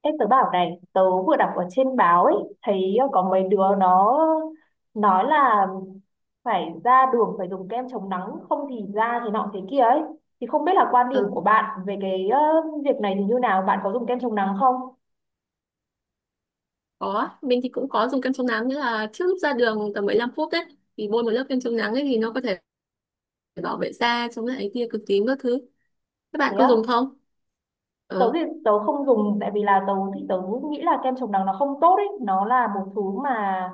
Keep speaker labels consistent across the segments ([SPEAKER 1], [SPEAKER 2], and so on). [SPEAKER 1] Ê, tớ bảo này, tớ vừa đọc ở trên báo ấy, thấy có mấy đứa nó nói là phải ra đường phải dùng kem chống nắng, không thì da thì nọ thế kia ấy. Thì không biết là quan điểm
[SPEAKER 2] Ừ,
[SPEAKER 1] của bạn về cái việc này thì như nào, bạn có dùng kem chống nắng không?
[SPEAKER 2] có. Mình thì cũng có dùng kem chống nắng, nghĩa là trước lúc ra đường tầm 15 phút đấy thì bôi một lớp kem chống nắng ấy thì nó có thể bảo vệ da, chống lại tia cực tím các thứ. Các bạn
[SPEAKER 1] Thế
[SPEAKER 2] có dùng
[SPEAKER 1] á?
[SPEAKER 2] không?
[SPEAKER 1] tớ
[SPEAKER 2] Ờ.
[SPEAKER 1] thì tớ không dùng tại vì là tớ nghĩ là kem chống nắng nó không tốt ấy, nó là một thứ mà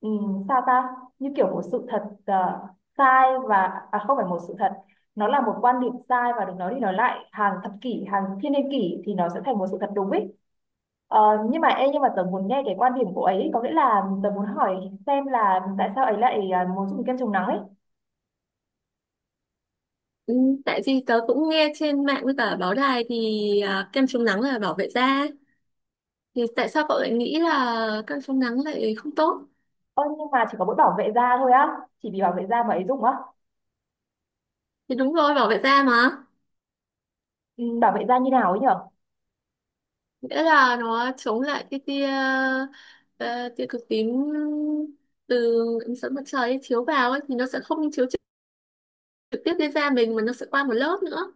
[SPEAKER 1] sao ta như kiểu một sự thật sai và à không phải một sự thật, nó là một quan điểm sai và được nói đi nói lại hàng thập kỷ hàng thiên niên kỷ thì nó sẽ thành một sự thật đúng ấy. Ờ, nhưng mà ê, nhưng mà tớ muốn nghe cái quan điểm của ấy, có nghĩa là tớ muốn hỏi xem là tại sao ấy lại muốn dùng kem chống nắng ấy.
[SPEAKER 2] Ừ, tại vì tớ cũng nghe trên mạng với cả báo đài thì kem chống nắng là bảo vệ da. Thì tại sao cậu lại nghĩ là kem chống nắng lại không tốt?
[SPEAKER 1] Ơ nhưng mà chỉ có mỗi bảo vệ da thôi á, chỉ vì bảo vệ da mà ấy dùng á?
[SPEAKER 2] Thì đúng rồi, bảo vệ da mà.
[SPEAKER 1] Ừ, bảo vệ da như nào ấy nhở?
[SPEAKER 2] Nghĩa là nó chống lại cái tia cực tím từ ánh sáng mặt trời ấy, chiếu vào ấy thì nó sẽ không chiếu trực tiếp lên da mình mà nó sẽ qua một lớp nữa.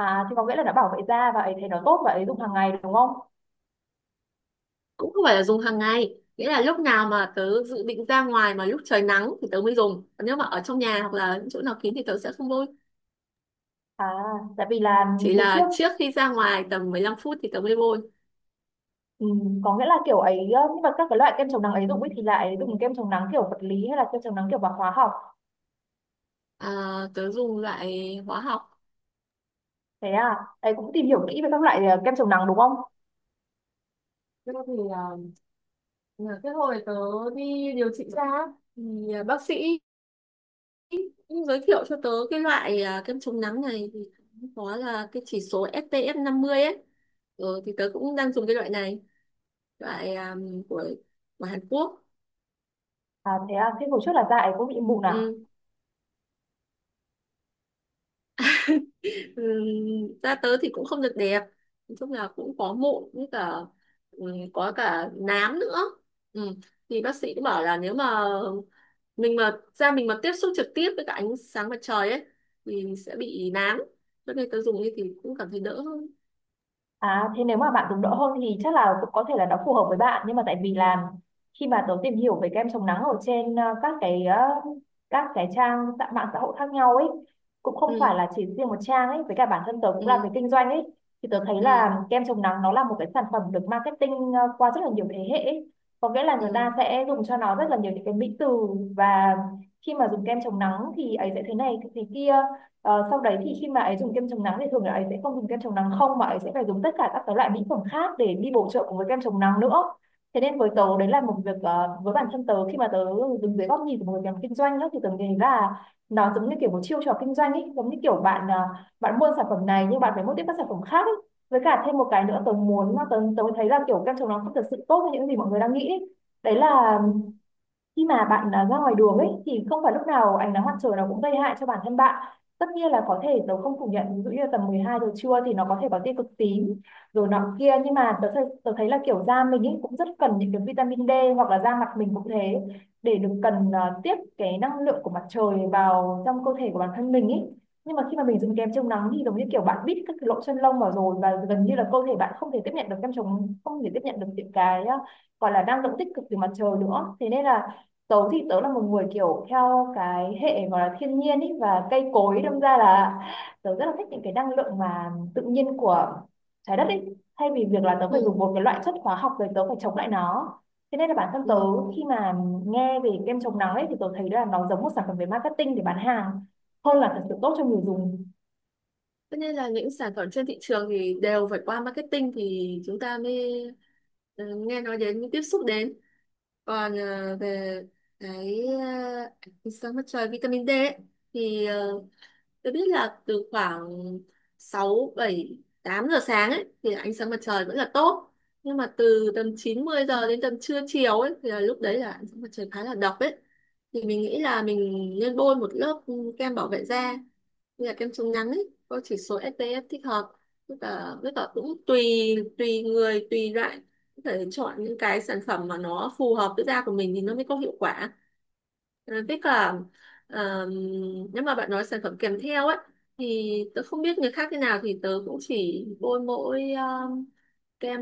[SPEAKER 1] À, thì có nghĩa là nó bảo vệ da và ấy thấy nó tốt và ấy dùng hàng ngày đúng không?
[SPEAKER 2] Cũng không phải là dùng hàng ngày, nghĩa là lúc nào mà tớ dự định ra ngoài mà lúc trời nắng thì tớ mới dùng, còn nếu mà ở trong nhà hoặc là những chỗ nào kín thì tớ sẽ không bôi.
[SPEAKER 1] À, tại vì là
[SPEAKER 2] Chỉ
[SPEAKER 1] hồi
[SPEAKER 2] là
[SPEAKER 1] trước,
[SPEAKER 2] trước khi ra ngoài tầm 15 phút thì tớ mới bôi.
[SPEAKER 1] ừ, có nghĩa là kiểu ấy nhưng mà các cái loại kem chống nắng ấy dùng ấy thì lại dùng kem chống nắng kiểu vật lý hay là kem chống nắng kiểu bằng hóa học?
[SPEAKER 2] à, Tớ dùng loại hóa học.
[SPEAKER 1] Thế à, ấy cũng tìm hiểu kỹ về các loại kem chống nắng đúng không?
[SPEAKER 2] Thế thì là cái hồi tớ đi điều trị da ấy, thì bác sĩ cũng giới thiệu cho tớ cái loại kem chống nắng này, thì có là cái chỉ số SPF 50 ấy. Ừ, thì tớ cũng đang dùng cái loại này, loại của Hàn Quốc.
[SPEAKER 1] À thế à, thế hồi trước là da ấy cũng bị mụn à?
[SPEAKER 2] Ừ. Ừ. Da tớ thì cũng không được đẹp, nói chung là cũng có mụn với cả, ừ, có cả nám nữa. Ừ. Thì bác sĩ cũng bảo là nếu mà mình mà da mình mà tiếp xúc trực tiếp với cả ánh sáng mặt trời ấy thì sẽ bị nám, cho nên tớ dùng như thì cũng cảm thấy đỡ hơn.
[SPEAKER 1] À thế nếu mà bạn dùng đỡ hơn thì chắc là cũng có thể là nó phù hợp với bạn, nhưng mà tại vì là khi mà tớ tìm hiểu về kem chống nắng ở trên các cái các cái mạng xã hội khác nhau ấy, cũng không phải
[SPEAKER 2] Ừ.
[SPEAKER 1] là chỉ riêng một trang ấy, với cả bản thân tớ cũng làm về
[SPEAKER 2] Ừ.
[SPEAKER 1] kinh doanh ấy, thì tớ thấy
[SPEAKER 2] Ừ.
[SPEAKER 1] là kem chống nắng nó là một cái sản phẩm được marketing qua rất là nhiều thế hệ ấy. Có nghĩa là người
[SPEAKER 2] Ừ.
[SPEAKER 1] ta sẽ dùng cho nó rất là nhiều những cái mỹ từ, và khi mà dùng kem chống nắng thì ấy sẽ thế này thế kia. Ờ, sau đấy thì khi mà ấy dùng kem chống nắng thì thường là ấy sẽ không dùng kem chống nắng không, mà ấy sẽ phải dùng tất cả các cái loại mỹ phẩm khác để đi bổ trợ cùng với kem chống nắng nữa. Thế nên với tớ đấy là một việc với bản thân tớ, khi mà tớ đứng dưới góc nhìn của một người làm kinh doanh đó, thì tớ nghĩ là nó giống như kiểu một chiêu trò kinh doanh ấy, giống như kiểu bạn bạn mua sản phẩm này nhưng bạn phải mua tiếp các sản phẩm khác ấy. Với cả thêm một cái nữa tớ muốn mà tớ tớ thấy là kiểu kem chống nắng không thật sự tốt như những gì mọi người đang nghĩ ấy. Đấy là
[SPEAKER 2] Ừ.
[SPEAKER 1] khi mà bạn ra ngoài đường ấy thì không phải lúc nào ánh nắng mặt trời nó cũng gây hại cho bản thân bạn. Tất nhiên là có thể tớ không phủ nhận, ví dụ như là tầm 12 giờ trưa thì nó có thể có tia cực tím rồi nọ kia, nhưng mà tớ thấy là kiểu da mình ấy cũng rất cần những cái vitamin D, hoặc là da mặt mình cũng thế, để được cần tiếp cái năng lượng của mặt trời vào trong cơ thể của bản thân mình ấy. Nhưng mà khi mà mình dùng kem chống nắng thì giống như kiểu bạn bít các cái lỗ chân lông vào rồi, và gần như là cơ thể bạn không thể tiếp nhận được kem chống không thể tiếp nhận được những cái gọi là năng lượng tích cực từ mặt trời nữa. Thế nên là tớ thì tớ là một người kiểu theo cái hệ gọi là thiên nhiên ý, và cây cối, đâm ra là tớ rất là thích những cái năng lượng mà tự nhiên của trái đất ý, thay vì việc là tớ phải
[SPEAKER 2] Ừ.
[SPEAKER 1] dùng một cái loại chất hóa học rồi tớ phải chống lại nó. Thế nên là bản thân tớ
[SPEAKER 2] Ừ.
[SPEAKER 1] khi mà nghe về kem chống nắng ấy thì tớ thấy là nó giống một sản phẩm về marketing để bán hàng hơn là thật sự tốt cho người dùng.
[SPEAKER 2] Tất nhiên là những sản phẩm trên thị trường thì đều phải qua marketing thì chúng ta mới nghe nói đến, mới tiếp xúc đến. Còn về cái sáng mặt trời, vitamin D ấy, thì tôi biết là từ khoảng 6, 7, 8 giờ sáng ấy thì ánh sáng mặt trời vẫn là tốt. Nhưng mà từ tầm 9, 10 giờ đến tầm trưa chiều ấy thì là lúc đấy là ánh sáng mặt trời khá là độc ấy. Thì mình nghĩ là mình nên bôi một lớp kem bảo vệ da, như là kem chống nắng ấy, có chỉ số SPF thích hợp, tức là cũng tùy tùy người tùy loại, có thể chọn những cái sản phẩm mà nó phù hợp với da của mình thì nó mới có hiệu quả. Với cả ờm, nếu mà bạn nói sản phẩm kèm theo ấy thì tớ không biết người khác thế nào, thì tớ cũng chỉ bôi mỗi kem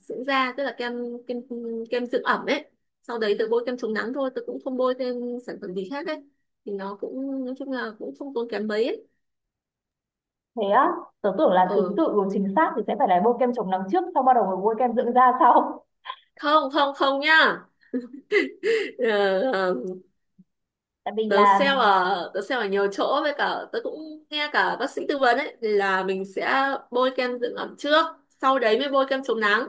[SPEAKER 2] dưỡng da, tức là kem, kem kem dưỡng ẩm ấy, sau đấy tớ bôi kem chống nắng thôi, tớ cũng không bôi thêm sản phẩm gì khác ấy, thì nó cũng nói chung là cũng không tốn kém mấy ấy.
[SPEAKER 1] Thế á? Tớ tưởng là thứ
[SPEAKER 2] Ừ,
[SPEAKER 1] tự của chính xác thì sẽ phải là bôi kem chống nắng trước xong bắt đầu mới bôi kem dưỡng da sau.
[SPEAKER 2] không không không nhá. Ờ, ờ,
[SPEAKER 1] Tại vì là
[SPEAKER 2] tớ sale ở nhiều chỗ với cả tớ cũng nghe cả bác sĩ tư vấn ấy, thì là mình sẽ bôi kem dưỡng ẩm trước, sau đấy mới bôi kem chống nắng.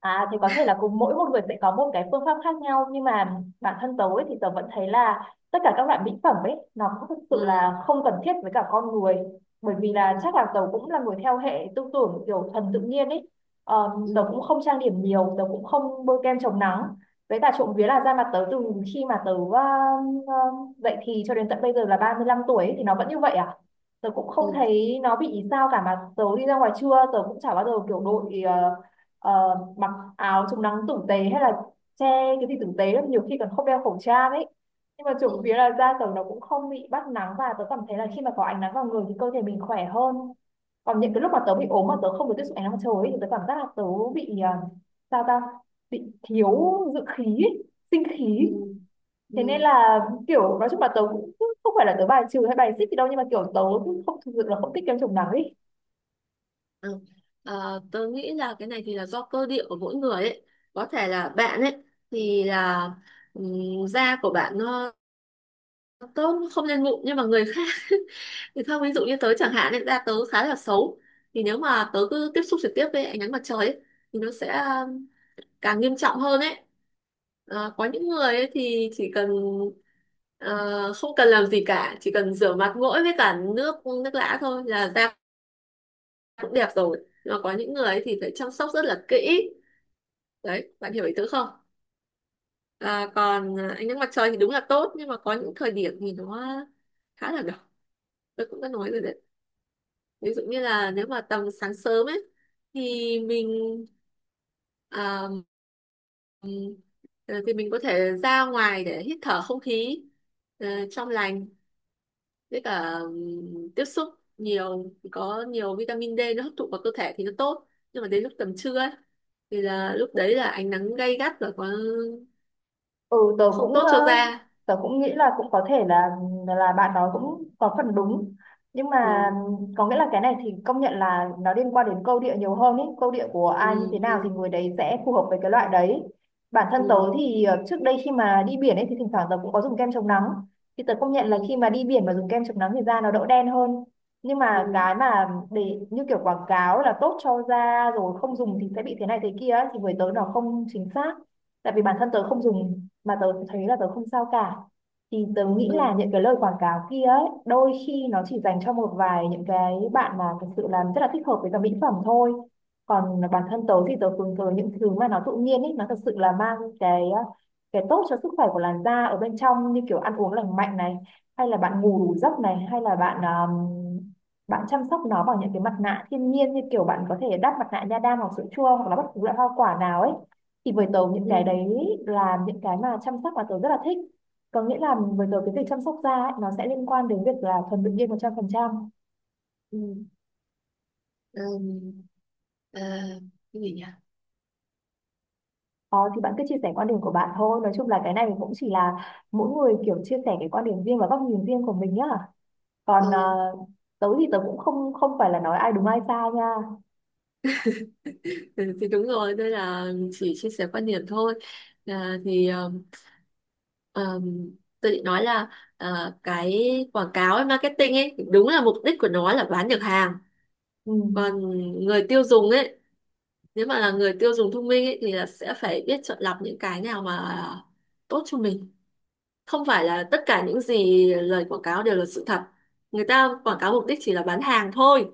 [SPEAKER 1] À thì có thể là cùng mỗi một người sẽ có một cái phương pháp khác nhau, nhưng mà bản thân tớ ấy, thì tớ vẫn thấy là tất cả các loại mỹ phẩm ấy nó cũng thực sự
[SPEAKER 2] Ừ.
[SPEAKER 1] là không cần thiết với cả con người, bởi vì là
[SPEAKER 2] Ừ.
[SPEAKER 1] chắc là tớ cũng là người theo hệ tư tưởng kiểu thuần tự nhiên ấy. ờ, Tớ
[SPEAKER 2] Ừ.
[SPEAKER 1] cũng không trang điểm nhiều, tớ cũng không bôi kem chống nắng, với cả trộm vía là da mặt tớ từ khi mà tớ ờ, dậy thì cho đến tận bây giờ là 35 tuổi ấy, thì nó vẫn như vậy à. Tớ cũng không
[SPEAKER 2] Ừ.
[SPEAKER 1] thấy nó bị sao cả, mà tớ đi ra ngoài trưa tớ cũng chả bao giờ kiểu đội ờ, mặc áo chống nắng tử tế, hay là che cái gì tử tế lắm, nhiều khi còn không đeo khẩu trang ấy. Nhưng mà
[SPEAKER 2] Ừ.
[SPEAKER 1] trộm vía là da tớ nó cũng không bị bắt nắng, và tớ cảm thấy là khi mà có ánh nắng vào người thì cơ thể mình khỏe hơn. Còn những cái lúc mà tớ bị ốm mà tớ không được tiếp xúc ánh nắng mặt trời ấy, thì tớ cảm giác là tớ bị à, sao ta bị thiếu dưỡng khí ấy, sinh
[SPEAKER 2] Ừ.
[SPEAKER 1] khí. Thế nên
[SPEAKER 2] Ừ.
[SPEAKER 1] là kiểu nói chung là tớ cũng không phải là tớ bài trừ hay bài xích gì đâu, nhưng mà kiểu tớ cũng không thực sự là không thích kem chống nắng ấy.
[SPEAKER 2] Ừ. Ờ, tớ nghĩ là cái này thì là do cơ địa của mỗi người ấy, có thể là bạn ấy thì là da của bạn nó tốt, không lên mụn, nhưng mà người khác thì không, ví dụ như tớ chẳng hạn ấy, da tớ khá là xấu, thì nếu mà tớ cứ tiếp xúc trực tiếp với ánh nắng mặt trời ấy thì nó sẽ càng nghiêm trọng hơn ấy. Ờ, có những người ấy thì chỉ cần ờ, không cần làm gì cả, chỉ cần rửa mặt mỗi với cả nước, nước lã thôi là da cũng đẹp rồi, nhưng mà có những người ấy thì phải chăm sóc rất là kỹ. Đấy, bạn hiểu ý tớ không? Còn ánh nắng mặt trời thì đúng là tốt, nhưng mà có những thời điểm thì nó khá là độc, tôi cũng đã nói rồi đấy, ví dụ như là nếu mà tầm sáng sớm ấy thì mình à, ừm, mình có thể ra ngoài để hít thở không khí trong lành, với cả tiếp xúc nhiều, có nhiều vitamin D nó hấp thụ vào cơ thể thì nó tốt, nhưng mà đến lúc tầm trưa ấy thì là lúc đấy là ánh nắng gay gắt và có
[SPEAKER 1] Ừ, tớ
[SPEAKER 2] không
[SPEAKER 1] cũng
[SPEAKER 2] tốt
[SPEAKER 1] ờ,
[SPEAKER 2] cho da.
[SPEAKER 1] tớ cũng nghĩ là cũng có thể là bạn nói cũng có phần đúng, nhưng mà
[SPEAKER 2] Ừ.
[SPEAKER 1] có nghĩa là cái này thì công nhận là nó liên quan đến câu địa nhiều hơn ý, câu địa của
[SPEAKER 2] Ừ.
[SPEAKER 1] ai như thế
[SPEAKER 2] Ừ.
[SPEAKER 1] nào thì người đấy sẽ phù hợp với cái loại đấy. Bản thân tớ
[SPEAKER 2] Ừ.
[SPEAKER 1] thì trước đây khi mà đi biển ấy thì thỉnh thoảng tớ cũng có dùng kem chống nắng, thì tớ công nhận là
[SPEAKER 2] Ừ.
[SPEAKER 1] khi mà đi biển mà dùng kem chống nắng thì da nó đỡ đen hơn. Nhưng
[SPEAKER 2] Ừ.
[SPEAKER 1] mà cái mà để như kiểu quảng cáo là tốt cho da rồi không dùng thì sẽ bị thế này thế kia ấy, thì với tớ nó không chính xác. Tại vì bản thân tớ không dùng mà tớ thấy là tớ không sao cả, thì tớ nghĩ
[SPEAKER 2] Ừ.
[SPEAKER 1] là
[SPEAKER 2] Ừ.
[SPEAKER 1] những cái lời quảng cáo kia ấy đôi khi nó chỉ dành cho một vài những cái bạn mà thực sự là rất là thích hợp với cả mỹ phẩm thôi. Còn bản thân tớ thì tớ hướng tới những thứ mà nó tự nhiên ấy, nó thật sự là mang cái tốt cho sức khỏe của làn da ở bên trong, như kiểu ăn uống lành mạnh này, hay là bạn ngủ đủ giấc này, hay là bạn bạn chăm sóc nó bằng những cái mặt nạ thiên nhiên, như kiểu bạn có thể đắp mặt nạ nha đam hoặc sữa chua hoặc là bất cứ loại hoa quả nào ấy. Thì với tớ những cái
[SPEAKER 2] Ừ.
[SPEAKER 1] đấy là những cái mà chăm sóc mà tớ rất là thích. Có nghĩa là với tớ cái việc chăm sóc da ấy, nó sẽ liên quan đến việc là thuần tự nhiên 100%.
[SPEAKER 2] Ừ. Ừ. ờ, cái gì nhỉ?
[SPEAKER 1] Ờ, thì bạn cứ chia sẻ quan điểm của bạn thôi, nói chung là cái này cũng chỉ là mỗi người kiểu chia sẻ cái quan điểm riêng và góc nhìn riêng của mình nhá. Còn
[SPEAKER 2] Ừ.
[SPEAKER 1] tớ thì tớ cũng không không phải là nói ai đúng ai sai nha.
[SPEAKER 2] Ừ, thì đúng rồi, đây là chỉ chia sẻ quan điểm thôi. Thì um, tôi định nói là cái quảng cáo ấy, marketing ấy, đúng là mục đích của nó là bán được hàng.
[SPEAKER 1] Ừ.
[SPEAKER 2] Còn người tiêu dùng ấy, nếu mà là người tiêu dùng thông minh ấy thì là sẽ phải biết chọn lọc những cái nào mà tốt cho mình, không phải là tất cả những gì lời quảng cáo đều là sự thật. Người ta quảng cáo mục đích chỉ là bán hàng thôi,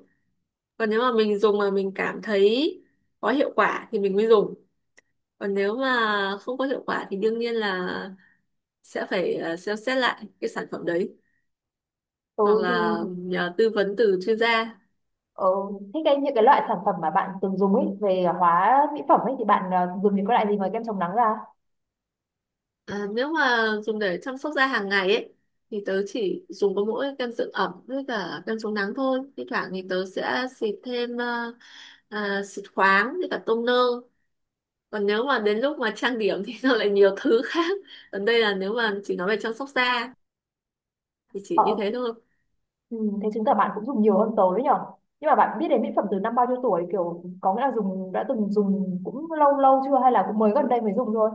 [SPEAKER 2] còn nếu mà mình dùng mà mình cảm thấy có hiệu quả thì mình mới dùng, còn nếu mà không có hiệu quả thì đương nhiên là sẽ phải xem xét lại cái sản phẩm đấy,
[SPEAKER 1] Tớ
[SPEAKER 2] hoặc là
[SPEAKER 1] thì
[SPEAKER 2] nhờ tư vấn từ chuyên gia.
[SPEAKER 1] ờ, thế cái những cái loại sản phẩm mà bạn từng dùng ấy về hóa mỹ phẩm ấy thì bạn dùng những cái loại gì ngoài kem chống nắng ra?
[SPEAKER 2] Nếu mà dùng để chăm sóc da hàng ngày ấy thì tớ chỉ dùng có mỗi kem dưỡng ẩm với cả kem chống nắng thôi, thi thoảng thì tớ sẽ xịt thêm xịt khoáng với cả toner. Còn nếu mà đến lúc mà trang điểm thì nó lại nhiều thứ khác. Còn đây là nếu mà chỉ nói về chăm sóc da thì chỉ như
[SPEAKER 1] Ờ.
[SPEAKER 2] thế thôi.
[SPEAKER 1] Ừ, thế chứng tỏ bạn cũng dùng nhiều hơn tớ đấy nhở. Nhưng mà bạn biết đến mỹ phẩm từ năm bao nhiêu tuổi, kiểu có nghĩa là đã từng dùng cũng lâu lâu chưa hay là cũng mới gần đây mới dùng thôi?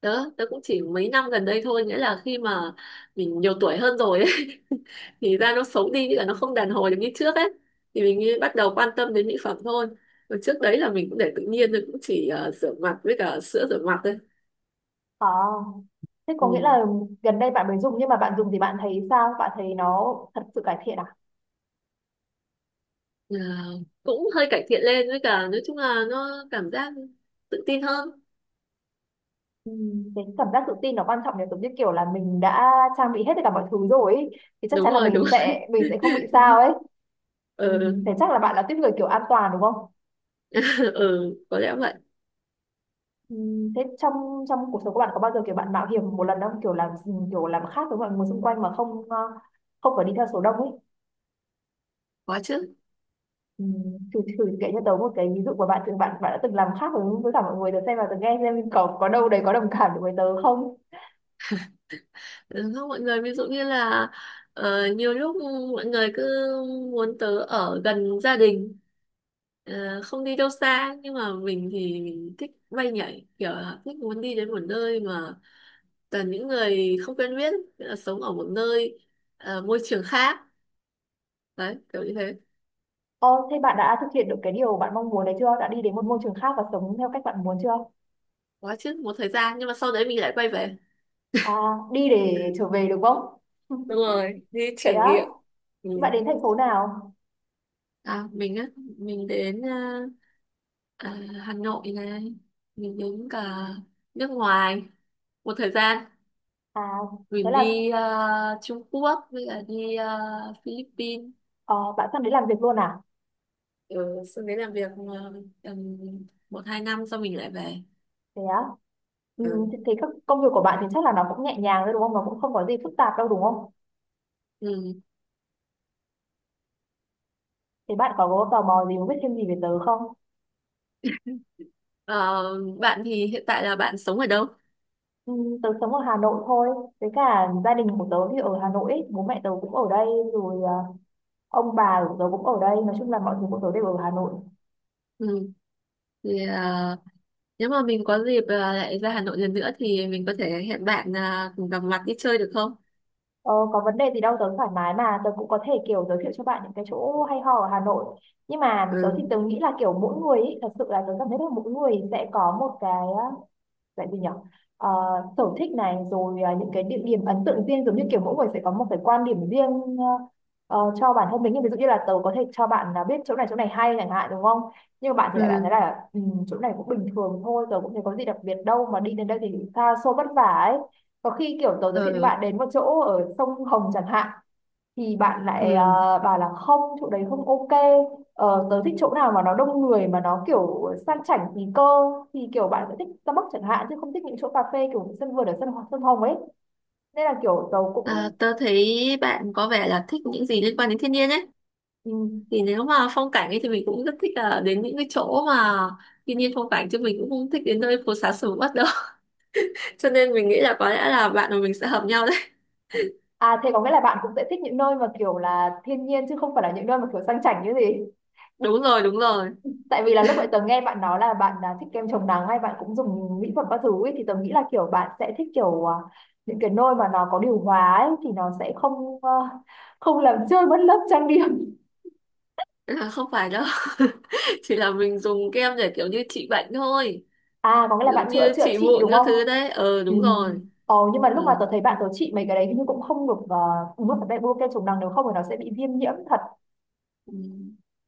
[SPEAKER 2] Đó, tớ cũng chỉ mấy năm gần đây thôi, nghĩa là khi mà mình nhiều tuổi hơn rồi ấy, thì da nó xấu đi, nghĩa là nó không đàn hồi được như trước ấy, thì mình mới bắt đầu quan tâm đến mỹ phẩm thôi. Còn trước đấy là mình cũng để tự nhiên thôi, cũng chỉ rửa mặt với cả sữa rửa mặt thôi.
[SPEAKER 1] À, thế
[SPEAKER 2] Ừ.
[SPEAKER 1] có nghĩa là gần đây bạn mới dùng, nhưng mà bạn dùng thì bạn thấy sao, bạn thấy nó thật sự cải thiện à?
[SPEAKER 2] Ờ, cũng hơi cải thiện lên, với cả nói chung là nó cảm giác tự tin hơn.
[SPEAKER 1] Ừ, cái cảm giác tự tin nó quan trọng nhỉ, giống như kiểu là mình đã trang bị hết tất cả mọi thứ rồi ấy, thì chắc
[SPEAKER 2] Đúng
[SPEAKER 1] chắn là
[SPEAKER 2] rồi, đúng.
[SPEAKER 1] mình sẽ không bị sao ấy. Ừ,
[SPEAKER 2] Ừ,
[SPEAKER 1] thế chắc là bạn là tiếp người kiểu an toàn đúng không?
[SPEAKER 2] ừ, có lẽ vậy.
[SPEAKER 1] Ừ, thế trong trong cuộc sống của bạn có bao giờ kiểu bạn mạo hiểm một lần không, kiểu làm kiểu làm khác với mọi người xung quanh mà không không phải đi theo số đông ấy?
[SPEAKER 2] Có chứ.
[SPEAKER 1] Ừ, thử thử kể cho tớ một cái ví dụ của bạn từng bạn bạn đã từng làm khác với với mọi người tớ xem, và tớ nghe xem có đâu đấy có đồng cảm được với tớ không.
[SPEAKER 2] Đúng không mọi người, ví dụ như là nhiều lúc mọi người cứ muốn tớ ở gần gia đình, không đi đâu xa, nhưng mà mình thì mình thích bay nhảy, kiểu là thích muốn đi đến một nơi mà toàn những người không quen biết, nghĩa là sống ở một nơi môi trường khác, đấy kiểu như thế.
[SPEAKER 1] Ồ, thế bạn đã thực hiện được cái điều bạn mong muốn đấy chưa, đã đi đến một môi trường khác và sống theo cách bạn muốn chưa?
[SPEAKER 2] Quá chứ, một thời gian nhưng mà sau đấy mình lại quay về.
[SPEAKER 1] À, đi để trở về được không.
[SPEAKER 2] Đúng rồi, đi
[SPEAKER 1] Thế
[SPEAKER 2] trải
[SPEAKER 1] á,
[SPEAKER 2] nghiệm. Ừ.
[SPEAKER 1] bạn đến thành phố nào?
[SPEAKER 2] À, mình đến à, Hà Nội này, mình đến cả nước ngoài một thời gian.
[SPEAKER 1] À thế
[SPEAKER 2] Mình
[SPEAKER 1] là,
[SPEAKER 2] đi Trung Quốc với cả đi Philippines.
[SPEAKER 1] ờ, bạn sang đến làm việc luôn à?
[SPEAKER 2] Ừ, xong đến làm việc tầm một hai năm sau mình lại về.
[SPEAKER 1] Thế á. Ừ,
[SPEAKER 2] Ừ.
[SPEAKER 1] thì các công việc của bạn thì chắc là nó cũng nhẹ nhàng thôi đúng không? Nó cũng không có gì phức tạp đâu đúng không?
[SPEAKER 2] Ừ.
[SPEAKER 1] Thì bạn có tò mò gì muốn biết thêm gì về tớ không?
[SPEAKER 2] Ờ, bạn thì hiện tại là bạn sống ở đâu?
[SPEAKER 1] Ừ, tớ sống ở Hà Nội thôi. Với cả gia đình của tớ thì ở Hà Nội ấy. Bố mẹ tớ cũng ở đây rồi, ông bà của tớ cũng ở đây. Nói chung là mọi thứ của tớ đều ở Hà Nội.
[SPEAKER 2] Ừ. Thì nếu mà mình có dịp lại ra Hà Nội lần nữa thì mình có thể hẹn bạn cùng gặp mặt đi chơi được không?
[SPEAKER 1] Ờ, có vấn đề gì đâu, tớ thoải mái mà. Tớ cũng có thể kiểu giới thiệu cho bạn những cái chỗ hay ho ở Hà Nội. Nhưng mà tớ thì
[SPEAKER 2] Ừ.
[SPEAKER 1] tớ nghĩ là kiểu mỗi người ấy, thật sự là tớ cảm thấy là mỗi người sẽ có một cái à, vậy thì nhỉ. Ờ, sở thích này rồi, những cái địa điểm ấn tượng riêng, giống như kiểu mỗi người sẽ có một cái quan điểm riêng cho bản thân mình. Nhưng ví dụ như là tớ có thể cho bạn là biết chỗ này hay chẳng hạn đúng không, nhưng mà bạn thì lại bạn thấy
[SPEAKER 2] Ừ.
[SPEAKER 1] là ừ, chỗ này cũng bình thường thôi, tớ cũng thấy có gì đặc biệt đâu mà đi đến đây thì xa xôi vất vả ấy. Có khi kiểu tớ giới thiệu cho
[SPEAKER 2] Ừ.
[SPEAKER 1] bạn đến một chỗ ở sông Hồng chẳng hạn, thì bạn lại
[SPEAKER 2] Ừ.
[SPEAKER 1] bảo là không, chỗ đấy không ok, tớ thích chỗ nào mà nó đông người mà nó kiểu sang chảnh tí cơ, thì kiểu bạn sẽ thích Starbucks chẳng hạn chứ không thích những chỗ cà phê kiểu sân vườn ở sân sân hồng ấy. Nên là kiểu tớ
[SPEAKER 2] À,
[SPEAKER 1] cũng
[SPEAKER 2] tớ thấy bạn có vẻ là thích những gì liên quan đến thiên nhiên ấy.
[SPEAKER 1] ừ.
[SPEAKER 2] Thì nếu mà phong cảnh ấy thì mình cũng rất thích là đến những cái chỗ mà thiên nhiên phong cảnh, chứ mình cũng không thích đến nơi phố xá sầm uất đâu. Cho nên mình nghĩ là có lẽ là bạn và mình sẽ hợp nhau đấy.
[SPEAKER 1] À thế có nghĩa là bạn cũng sẽ thích những nơi mà kiểu là thiên nhiên chứ không phải là những nơi mà kiểu sang chảnh như gì.
[SPEAKER 2] Đúng rồi, đúng rồi.
[SPEAKER 1] Tại vì là lúc vậy tớ nghe bạn nói là bạn thích kem chống nắng hay bạn cũng dùng mỹ phẩm các thứ ấy, thì tớ nghĩ là kiểu bạn sẽ thích kiểu những cái nôi mà nó có điều hòa ấy, thì nó sẽ không không làm trôi mất lớp trang điểm.
[SPEAKER 2] À, không phải đâu. Chỉ là mình dùng kem để kiểu như trị bệnh thôi.
[SPEAKER 1] À có nghĩa
[SPEAKER 2] Ví
[SPEAKER 1] là
[SPEAKER 2] dụ
[SPEAKER 1] bạn chữa
[SPEAKER 2] như
[SPEAKER 1] chữa
[SPEAKER 2] trị
[SPEAKER 1] trị
[SPEAKER 2] mụn
[SPEAKER 1] đúng
[SPEAKER 2] các
[SPEAKER 1] không?
[SPEAKER 2] thứ đấy. Ờ,
[SPEAKER 1] Ừ.
[SPEAKER 2] đúng rồi.
[SPEAKER 1] Ồ, nhưng mà
[SPEAKER 2] Ừ.
[SPEAKER 1] lúc mà tớ thấy bạn tớ trị mấy cái đấy hình như cũng không được uống một cái bê bô kem chống nắng, nếu không thì nó sẽ bị viêm nhiễm thật.
[SPEAKER 2] Ừ.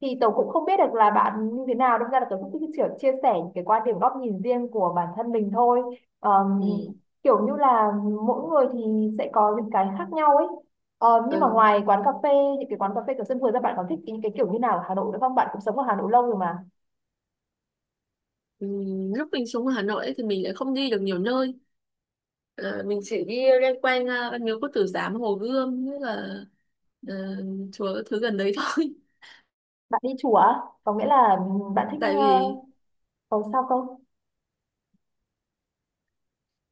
[SPEAKER 1] Thì tớ cũng không biết được là bạn như thế nào, đâm ra là tớ cũng chỉ chia sẻ những cái quan điểm góc nhìn riêng của bản thân mình thôi. Ờm,
[SPEAKER 2] Ừ.
[SPEAKER 1] Kiểu như là mỗi người thì sẽ có những cái khác nhau ấy. Nhưng mà
[SPEAKER 2] Ừ.
[SPEAKER 1] ngoài quán cà phê, những cái quán cà phê kiểu sân vườn ra, bạn còn thích những cái kiểu như nào ở Hà Nội nữa không, bạn cũng sống ở Hà Nội lâu rồi mà.
[SPEAKER 2] Ừ. Lúc mình xuống Hà Nội ấy thì mình lại không đi được nhiều nơi. Ờ, mình chỉ đi loanh quanh Văn Miếu Quốc Tử Giám, Hồ Gươm, như là ờ, chùa thứ gần đấy thôi.
[SPEAKER 1] Bạn đi chùa á? Có nghĩa là bạn thích
[SPEAKER 2] Tại vì
[SPEAKER 1] cầu sao không?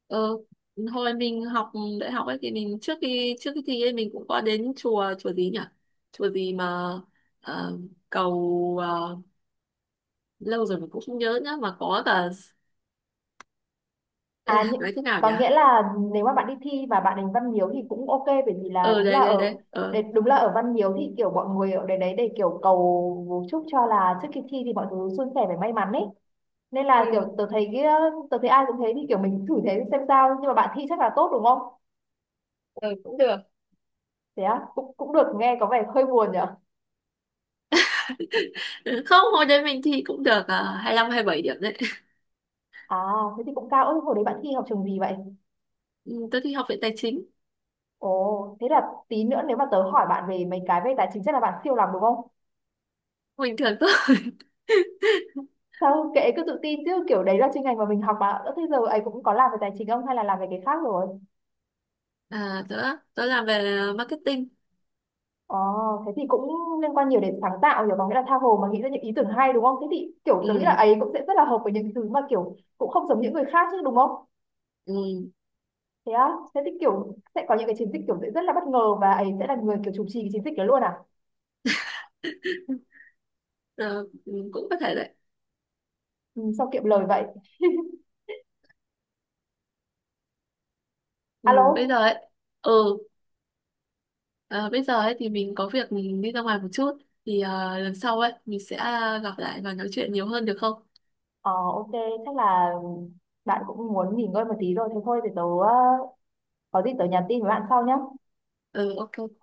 [SPEAKER 2] ờ, hồi mình học đại học ấy thì mình trước khi thi ấy mình cũng có đến chùa, chùa gì nhỉ, chùa gì mà ờ, cầu lâu rồi mình cũng không nhớ nhá, mà có cả... Ê,
[SPEAKER 1] À, nhưng,
[SPEAKER 2] nói thế nào
[SPEAKER 1] có
[SPEAKER 2] nhỉ?
[SPEAKER 1] nghĩa là nếu mà bạn đi thi và bạn đánh Văn Miếu thì cũng ok, bởi vì là
[SPEAKER 2] Ờ
[SPEAKER 1] đúng là
[SPEAKER 2] Đây, đây,
[SPEAKER 1] ở
[SPEAKER 2] đây. Ờ
[SPEAKER 1] để, đúng là ở Văn Miếu thì kiểu mọi người ở đấy đấy để kiểu cầu chúc cho là trước khi thi thì mọi thứ suôn sẻ và may mắn ấy. Nên
[SPEAKER 2] Ừ,
[SPEAKER 1] là kiểu tớ thấy cái tớ thấy ai cũng thế thì kiểu mình thử thế xem sao, nhưng mà bạn thi chắc là tốt đúng không?
[SPEAKER 2] ừ, cũng được.
[SPEAKER 1] Thế á, cũng cũng được, nghe có vẻ hơi buồn nhỉ.
[SPEAKER 2] Không, hồi đấy mình thi cũng được 25 bảy điểm đấy.
[SPEAKER 1] À thế thì cũng cao. Ôi, hồi đấy bạn thi học trường gì vậy?
[SPEAKER 2] Ừ, tôi thi Học viện Tài chính.
[SPEAKER 1] Ồ thế là tí nữa nếu mà tớ hỏi bạn về mấy cái về tài chính chắc là bạn siêu lắm đúng không?
[SPEAKER 2] Bình thường thôi.
[SPEAKER 1] Sao kệ, cứ tự tin chứ, kiểu đấy là chuyên ngành mà mình học mà. Ơ, thế giờ ấy cũng có làm về tài chính không hay là làm về cái khác rồi?
[SPEAKER 2] À, tớ làm về marketing.
[SPEAKER 1] Ồ, thế thì cũng liên quan nhiều đến sáng tạo, hiểu bằng nghĩa là tha hồ mà nghĩ ra những ý tưởng hay đúng không, thế thì kiểu tớ nghĩ là
[SPEAKER 2] Ừ,
[SPEAKER 1] ấy cũng sẽ rất là hợp với những thứ mà kiểu cũng không giống những người khác chứ đúng không?
[SPEAKER 2] ừ,
[SPEAKER 1] Thế á, thế thì kiểu sẽ có những cái chiến dịch kiểu sẽ rất là bất ngờ và ấy sẽ là người kiểu chủ trì cái chiến dịch đó luôn à?
[SPEAKER 2] ờ, ừ, cũng có thể đấy.
[SPEAKER 1] Ừ, sao kiệm lời vậy.
[SPEAKER 2] Ừ, bây giờ
[SPEAKER 1] Alo.
[SPEAKER 2] ấy ừ ờ, bây giờ ấy thì mình có việc mình đi ra ngoài một chút, thì lần sau ấy mình sẽ gặp lại và nói chuyện nhiều hơn được không?
[SPEAKER 1] Ờ ok, chắc là bạn cũng muốn nghỉ ngơi một tí rồi, thế thôi thì tớ ờ, có gì tớ nhắn tin với bạn sau nhé.
[SPEAKER 2] Ừ, ok.